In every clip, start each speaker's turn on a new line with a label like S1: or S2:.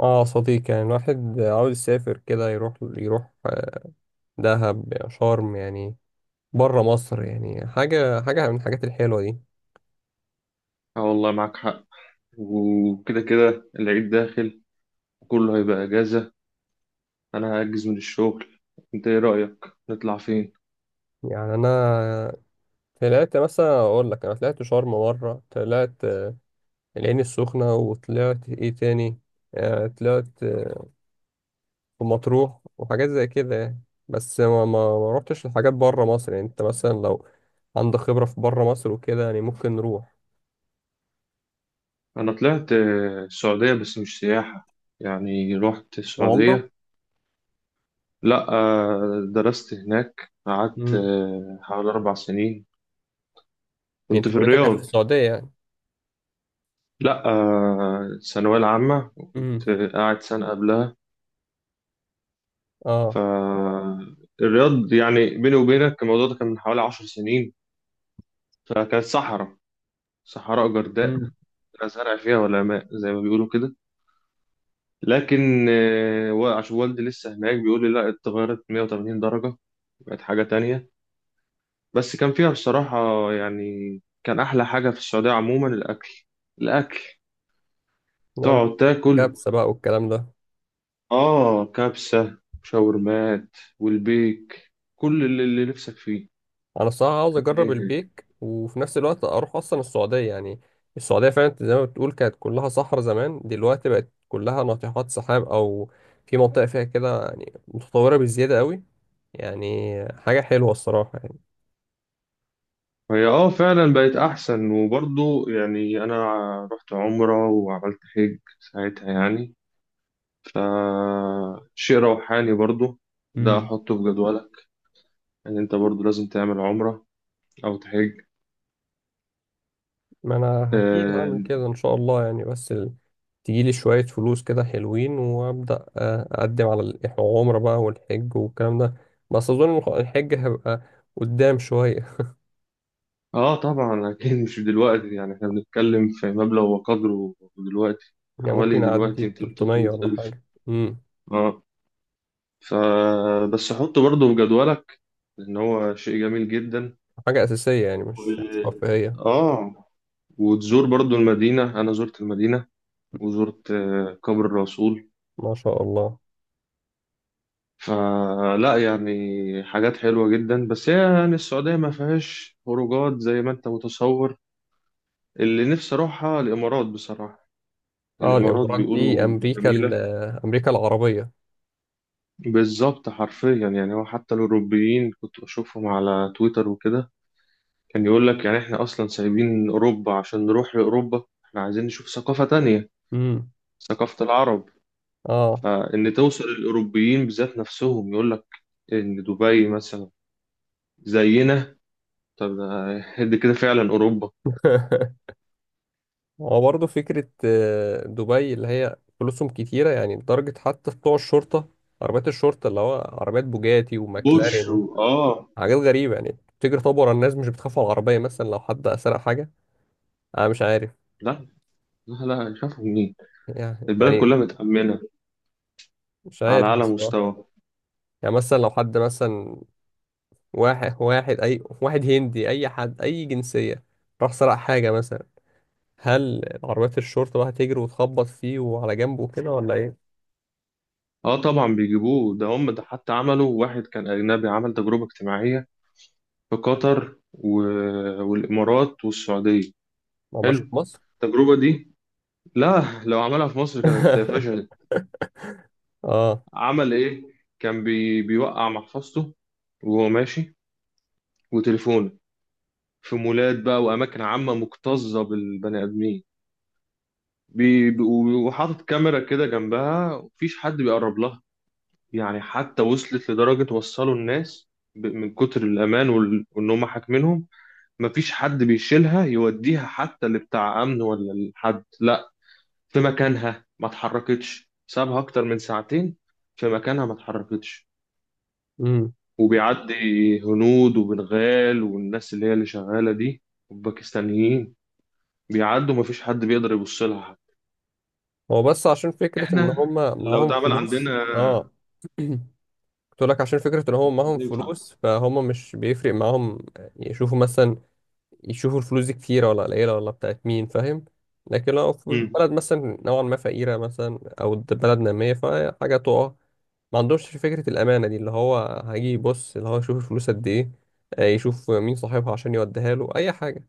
S1: اه صديق، يعني الواحد عاوز يسافر كده يروح يروح دهب شرم، يعني بره مصر. يعني حاجة حاجة من الحاجات الحلوة دي.
S2: اه، والله معاك حق. وكده كده العيد داخل، كله هيبقى اجازة. انا هاجز من الشغل. انت ايه رأيك نطلع فين؟
S1: يعني أنا طلعت مثلا، أقول لك أنا طلعت شرم مرة، طلعت العين السخنة، وطلعت إيه تاني؟ طلعت في مطروح وحاجات زي كده يعني. بس ما روحتش لحاجات بره مصر. يعني أنت مثلا لو عندك خبرة في بره مصر وكده، يعني ممكن نروح.
S2: انا طلعت السعودية، بس مش سياحة. يعني رحت
S1: عمرة.
S2: السعودية. لا درست هناك، قعدت
S1: امم.
S2: حوالي 4 سنين.
S1: يعني
S2: كنت
S1: أنت
S2: في
S1: كليتك كانت في
S2: الرياض.
S1: السعودية يعني؟
S2: لا الثانوية العامة،
S1: امم.
S2: وكنت قاعد سنة قبلها
S1: اه.
S2: فالرياض. يعني بيني وبينك، الموضوع ده كان من حوالي 10 سنين، فكانت صحراء. صحراء جرداء،
S1: امم.
S2: لا زرع فيها ولا ماء، زي ما بيقولوا كده. لكن عشان والدي لسه هناك، بيقول لي لا، اتغيرت 180 درجة، بقت حاجة تانية. بس كان فيها بصراحة، يعني، كان أحلى حاجة في السعودية عموما الأكل. الأكل
S1: يلا.
S2: تقعد تاكل.
S1: كبسة بقى والكلام ده.
S2: آه، كبسة، شاورمات، والبيك، كل اللي نفسك فيه
S1: انا الصراحة عاوز اجرب
S2: هتلاقيه هناك.
S1: البيك، وفي نفس الوقت اروح اصلا السعودية يعني. السعودية فعلا زي ما بتقول كانت كلها صحراء زمان، دلوقتي بقت كلها ناطحات سحاب، او في منطقة فيها كده يعني متطورة بزيادة قوي. يعني حاجة حلوة الصراحة يعني.
S2: هي اه فعلا بقت أحسن، وبرضه يعني أنا رحت عمرة وعملت حج ساعتها يعني، فشيء روحاني برضو. ده
S1: امم.
S2: أحطه في جدولك، إن أنت برضو لازم تعمل عمرة أو تحج.
S1: ما انا اكيد
S2: آه,
S1: هعمل كده ان شاء الله يعني، بس تجيلي شوية فلوس كده حلوين وابدأ، اقدم على العمرة بقى والحج والكلام ده. بس اظن الحج هيبقى قدام شوية.
S2: آه، طبعا أكيد مش دلوقتي، يعني إحنا بنتكلم في مبلغ وقدره دلوقتي،
S1: يعني
S2: حوالي
S1: ممكن أعدي
S2: دلوقتي 200
S1: 300
S2: 300
S1: ولا
S2: ألف.
S1: حاجة. امم.
S2: آه، فبس حطه برضو في جدولك، لأن هو شيء جميل جدا.
S1: حاجة أساسية، يعني
S2: و...
S1: مش رفاهية.
S2: آه وتزور برضو المدينة، أنا زرت المدينة وزرت قبر الرسول.
S1: ما شاء الله.
S2: فلا يعني، حاجات حلوة جدا، بس هي يعني السعودية ما فيهاش خروجات زي ما انت متصور. اللي نفسي اروحها الامارات بصراحة.
S1: اه
S2: الامارات
S1: الإمارات
S2: بيقولوا
S1: دي أمريكا
S2: جميلة.
S1: أمريكا العربية.
S2: بالظبط، حرفيا، يعني هو حتى الاوروبيين كنت بشوفهم على تويتر وكده، كان يقول لك يعني احنا اصلا سايبين اوروبا عشان نروح لاوروبا، احنا عايزين نشوف ثقافة تانية،
S1: امم.
S2: ثقافة العرب.
S1: اه.
S2: فان توصل الاوروبيين بذات نفسهم يقول لك ان دبي مثلا زينا، طب دي كده فعلا اوروبا.
S1: هو برضه فكرة، دبي اللي هي فلوسهم كتيرة يعني، لدرجة حتى بتوع الشرطة، عربيات الشرطة اللي هو عربيات بوجاتي
S2: بورشو،
S1: وماكلارين،
S2: اه.
S1: وحاجات غريبة يعني تجري طابور على الناس. مش بتخاف على العربية مثلا لو حد سرق حاجة؟ أنا مش عارف.
S2: لا، لا، لا، شافوا مين؟
S1: يعني.
S2: البلد كلها متأمنة
S1: مش
S2: على
S1: عارف
S2: أعلى
S1: الصراحة.
S2: مستوى.
S1: يعني مثلا لو حد مثلا، واحد واحد، اي واحد هندي، اي حد، اي جنسيه، راح سرق حاجه مثلا، هل عربيات الشرطه بقى هتجري وتخبط فيه وعلى جنبه كده ولا ايه؟
S2: اه طبعا بيجيبوه، ده هم ده حتى عملوا واحد كان أجنبي عمل تجربة اجتماعية في قطر والإمارات والسعودية.
S1: ما هماش
S2: حلو
S1: في مصر.
S2: التجربة دي. لا، لو عملها في مصر كانت فشلت.
S1: اه.
S2: عمل إيه؟ كان بيوقع محفظته وهو ماشي، وتليفونه، في مولات بقى وأماكن عامة مكتظة بالبني آدمين، بي- بي- وحاطط كاميرا كده جنبها. مفيش حد بيقرب لها، يعني حتى وصلت لدرجة، وصلوا الناس من كتر الأمان وإن هم حاكمينهم، مفيش حد بيشيلها يوديها حتى لبتاع أمن ولا لحد، لا، في مكانها ما اتحركتش، سابها أكتر من ساعتين في مكانها ما اتحركتش.
S1: امم.
S2: وبيعدي هنود وبنغال والناس اللي هي اللي شغالة دي، والباكستانيين بيعدوا، مفيش حد بيقدر يبص لها حتى.
S1: هو بس عشان فكره ان
S2: احنا
S1: هم
S2: لو
S1: معاهم
S2: اتعمل
S1: فلوس.
S2: عندنا
S1: اه. قلت لك، عشان فكره ان
S2: مش
S1: هم معاهم
S2: هتنفع.
S1: فلوس، فهم مش بيفرق معاهم. يشوفوا مثلا، يشوفوا الفلوس دي كتيره ولا قليله ولا بتاعت مين، فاهم؟ لكن لو في
S2: مم.
S1: بلد مثلا نوعا ما فقيره، مثلا او بلد ناميه، فحاجه تقع، ما عندوش فكرة الأمانة دي. اللي هو هيجي يبص اللي هو يشوف الفلوس قد إيه، يشوف مين صاحبها عشان يوديها له، أي حاجة.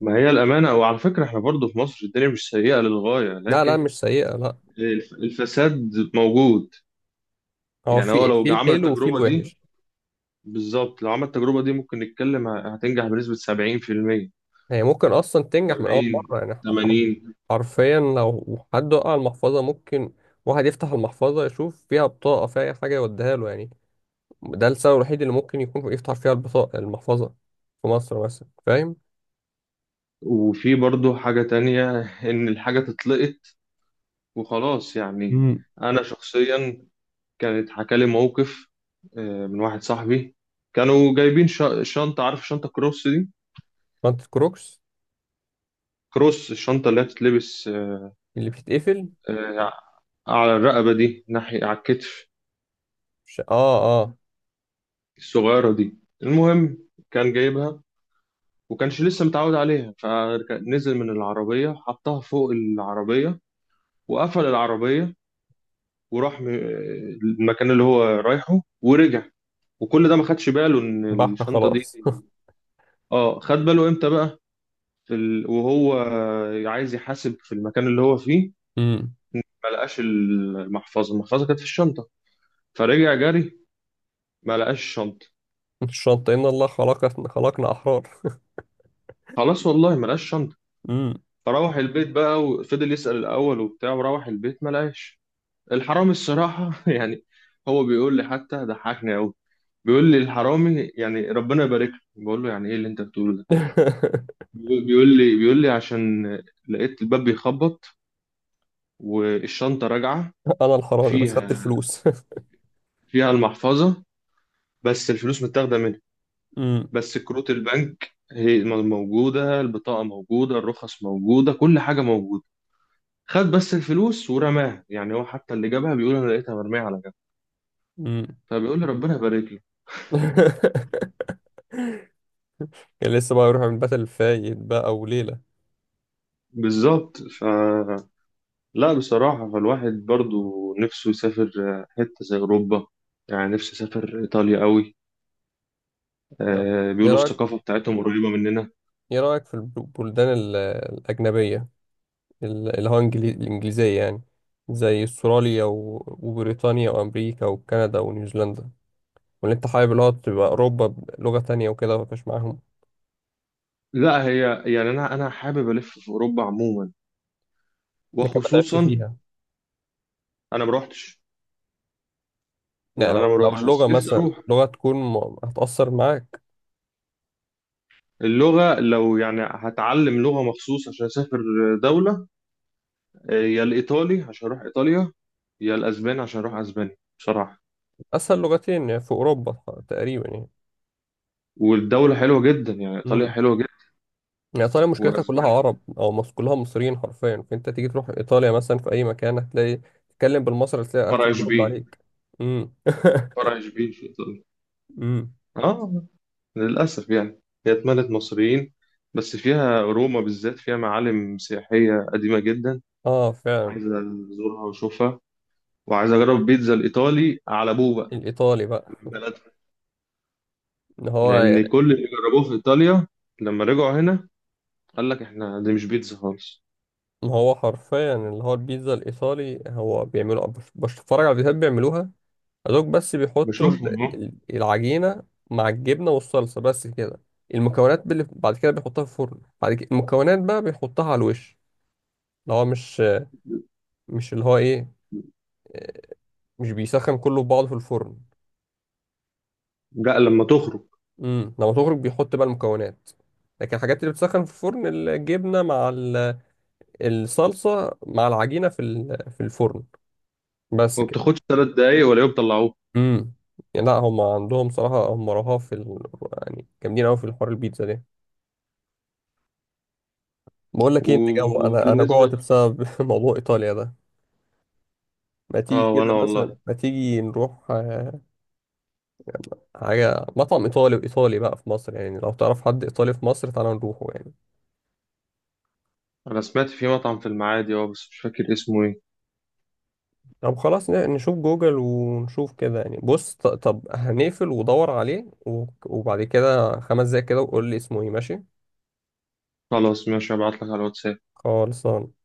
S2: ما هي الأمانة، وعلى فكرة احنا برضو في مصر الدنيا مش سيئة للغاية،
S1: لا لا،
S2: لكن
S1: مش سيئة لا.
S2: الفساد موجود.
S1: هو
S2: يعني هو
S1: في
S2: لو
S1: في
S2: عمل
S1: الحلو وفي
S2: التجربة دي،
S1: الوحش.
S2: بالظبط لو عمل التجربة دي ممكن نتكلم هتنجح بنسبة 70%،
S1: هي ممكن أصلا تنجح من أول
S2: 70،
S1: مرة يعني. إحنا
S2: 80.
S1: حرفيا لو حد وقع المحفظة، ممكن واحد يفتح المحفظة، يشوف فيها بطاقة فيها أي حاجة يوديها له يعني. ده السبب الوحيد اللي ممكن يكون يفتح فيها البطاقة المحفظة في مصر مثلا، فاهم؟
S2: وفي برضو حاجة تانية، إن الحاجة تتلقط وخلاص يعني.
S1: امم.
S2: أنا شخصيا كانت حكى لي موقف من واحد صاحبي. كانوا جايبين شنطة، عارف شنطة كروس دي،
S1: شنطة كروكس.
S2: كروس، الشنطة اللي هي بتتلبس
S1: اللي بتتقفل.
S2: آه، على الرقبة دي، ناحية على الكتف،
S1: اه اه.
S2: الصغيرة دي. المهم كان جايبها، وكانش لسه متعود عليها، فنزل من العربية حطها فوق العربية، وقفل العربية، وراح المكان اللي هو رايحه ورجع، وكل ده ما خدش باله ان
S1: بحة
S2: الشنطة دي.
S1: خلاص.
S2: اه، خد باله امتى بقى؟ في وهو عايز يحاسب في المكان اللي هو فيه،
S1: مم.
S2: ما لقاش المحفظة. المحفظة كانت في الشنطة، فرجع جري، ما لقاش الشنطة.
S1: الشنطة إن الله خلق خلقنا أحرار.
S2: خلاص، والله ما لقاش شنطة.
S1: مم.
S2: فروح البيت بقى، وفضل يسأل الأول وبتاع، وروح البيت ما لقاش. الحرامي الصراحة يعني، هو بيقول لي، حتى ضحكني أوي، بيقول لي الحرامي، يعني ربنا يبارك له، بقول له يعني إيه اللي أنت بتقوله ده؟ بيقول لي عشان لقيت الباب بيخبط والشنطة راجعة،
S1: أنا الحرامي بس خدت
S2: فيها
S1: الفلوس.
S2: فيها المحفظة، بس الفلوس متاخدة منها.
S1: مم.
S2: بس كروت البنك هي موجودة، البطاقة موجودة، الرخص موجودة، كل حاجة موجودة، خد بس الفلوس ورماها. يعني هو حتى اللي جابها بيقول انا لقيتها مرميه على جنب،
S1: مم.
S2: فبيقول لي ربنا يبارك له.
S1: كان لسه بقى يروح من باتل فايت بقى وليلة.
S2: بالظبط. لا، بصراحه، فالواحد برضو نفسه يسافر حته زي اوروبا. يعني نفسي اسافر ايطاليا قوي.
S1: طب
S2: آه،
S1: إيه
S2: بيقولوا
S1: رأيك،
S2: الثقافه بتاعتهم قريبه مننا.
S1: إيه رأيك في البلدان الأجنبية، ال- اللي هو إنجلي- الإنجليزية يعني، زي أستراليا وبريطانيا وأمريكا وكندا ونيوزيلندا، ولا أنت حابب اللي هو تبقى أوروبا بلغة تانية وكده مفيش معاهم،
S2: لا، هي يعني انا حابب الف في اوروبا عموما،
S1: لكن ما تعبش
S2: وخصوصا،
S1: فيها؟
S2: انا ما روحتش. يعني
S1: يعني لو
S2: انا ما
S1: لو
S2: روحتش
S1: اللغة
S2: بس نفسي
S1: مثلا،
S2: اروح.
S1: لغة تكون هتأثر معاك.
S2: اللغه لو يعني هتعلم لغه مخصوص عشان اسافر دوله، يا الإيطالي عشان أروح إيطاليا، يا الأسباني عشان أروح أسبانيا بصراحة.
S1: أسهل لغتين يعني في أوروبا تقريبا يعني.
S2: والدولة حلوة جدا، يعني إيطاليا
S1: امم.
S2: حلوة جدا،
S1: يعني إيطاليا مشكلتها كلها
S2: وأسبانيا.
S1: عرب، أو كلها مصريين حرفيا. فأنت تيجي تروح إيطاليا مثلا، في أي مكان هتلاقي تتكلم بالمصري، هتلاقي
S2: فرع
S1: بيرد
S2: إشبيل،
S1: عليك. امم.
S2: فرع إشبيل في إيطاليا.
S1: امم.
S2: آه، للأسف يعني هي اتملت مصريين، بس فيها روما بالذات، فيها معالم سياحية قديمة جدا،
S1: آه فعلا.
S2: عايز أزورها وأشوفها، وعايز أجرب بيتزا الإيطالي على أبوه بقى
S1: الإيطالي بقى.
S2: من بلدها.
S1: إن هو
S2: لأن كل اللي جربوه في إيطاليا لما رجعوا هنا قال لك إحنا دي مش بيتزا خالص.
S1: إن هو حرفيا اللي هو البيتزا الإيطالي هو بيعملوا، بتفرج على فيديوهات بيعملوها، دوك بس بيحطوا
S2: بشوفهم أهو.
S1: العجينة مع الجبنة والصلصة بس كده. المكونات اللي بعد كده بيحطها في الفرن، بعد كده المكونات بقى بيحطها على الوش. اللي هو مش، مش اللي هو ايه مش بيسخن كله في بعضه في الفرن.
S2: لا، لما تخرج.
S1: امم. لما تخرج بيحط بقى المكونات. لكن الحاجات اللي بتسخن في الفرن الجبنة مع الصلصة مع العجينة في في الفرن، بس
S2: وما
S1: كده.
S2: بتاخدش 3 دقايق ولا يوم بيطلعوه.
S1: امم. يعني لا، هم عندهم صراحة هم رهاف في يعني جامدين قوي في الحوار البيتزا ده. بقول لك ايه انت جو، انا جوعت
S2: وبالنسبة،
S1: بسبب موضوع ايطاليا ده. ما
S2: اه،
S1: تيجي كده
S2: وانا
S1: مثلا،
S2: والله،
S1: ما تيجي نروح، حاجه مطعم ايطالي وايطالي بقى في مصر. يعني لو تعرف حد ايطالي في مصر، تعالى نروحه يعني.
S2: انا سمعت في مطعم في المعادي، اه بس مش فاكر اسمه ايه.
S1: طب خلاص، نشوف جوجل ونشوف كده يعني. بص، طب هنقفل ودور عليه وبعد كده 5 دقايق كده وقول لي اسمه ايه، ماشي؟
S2: خلاص، ماشي، هبعتلك على الواتساب.
S1: خالص.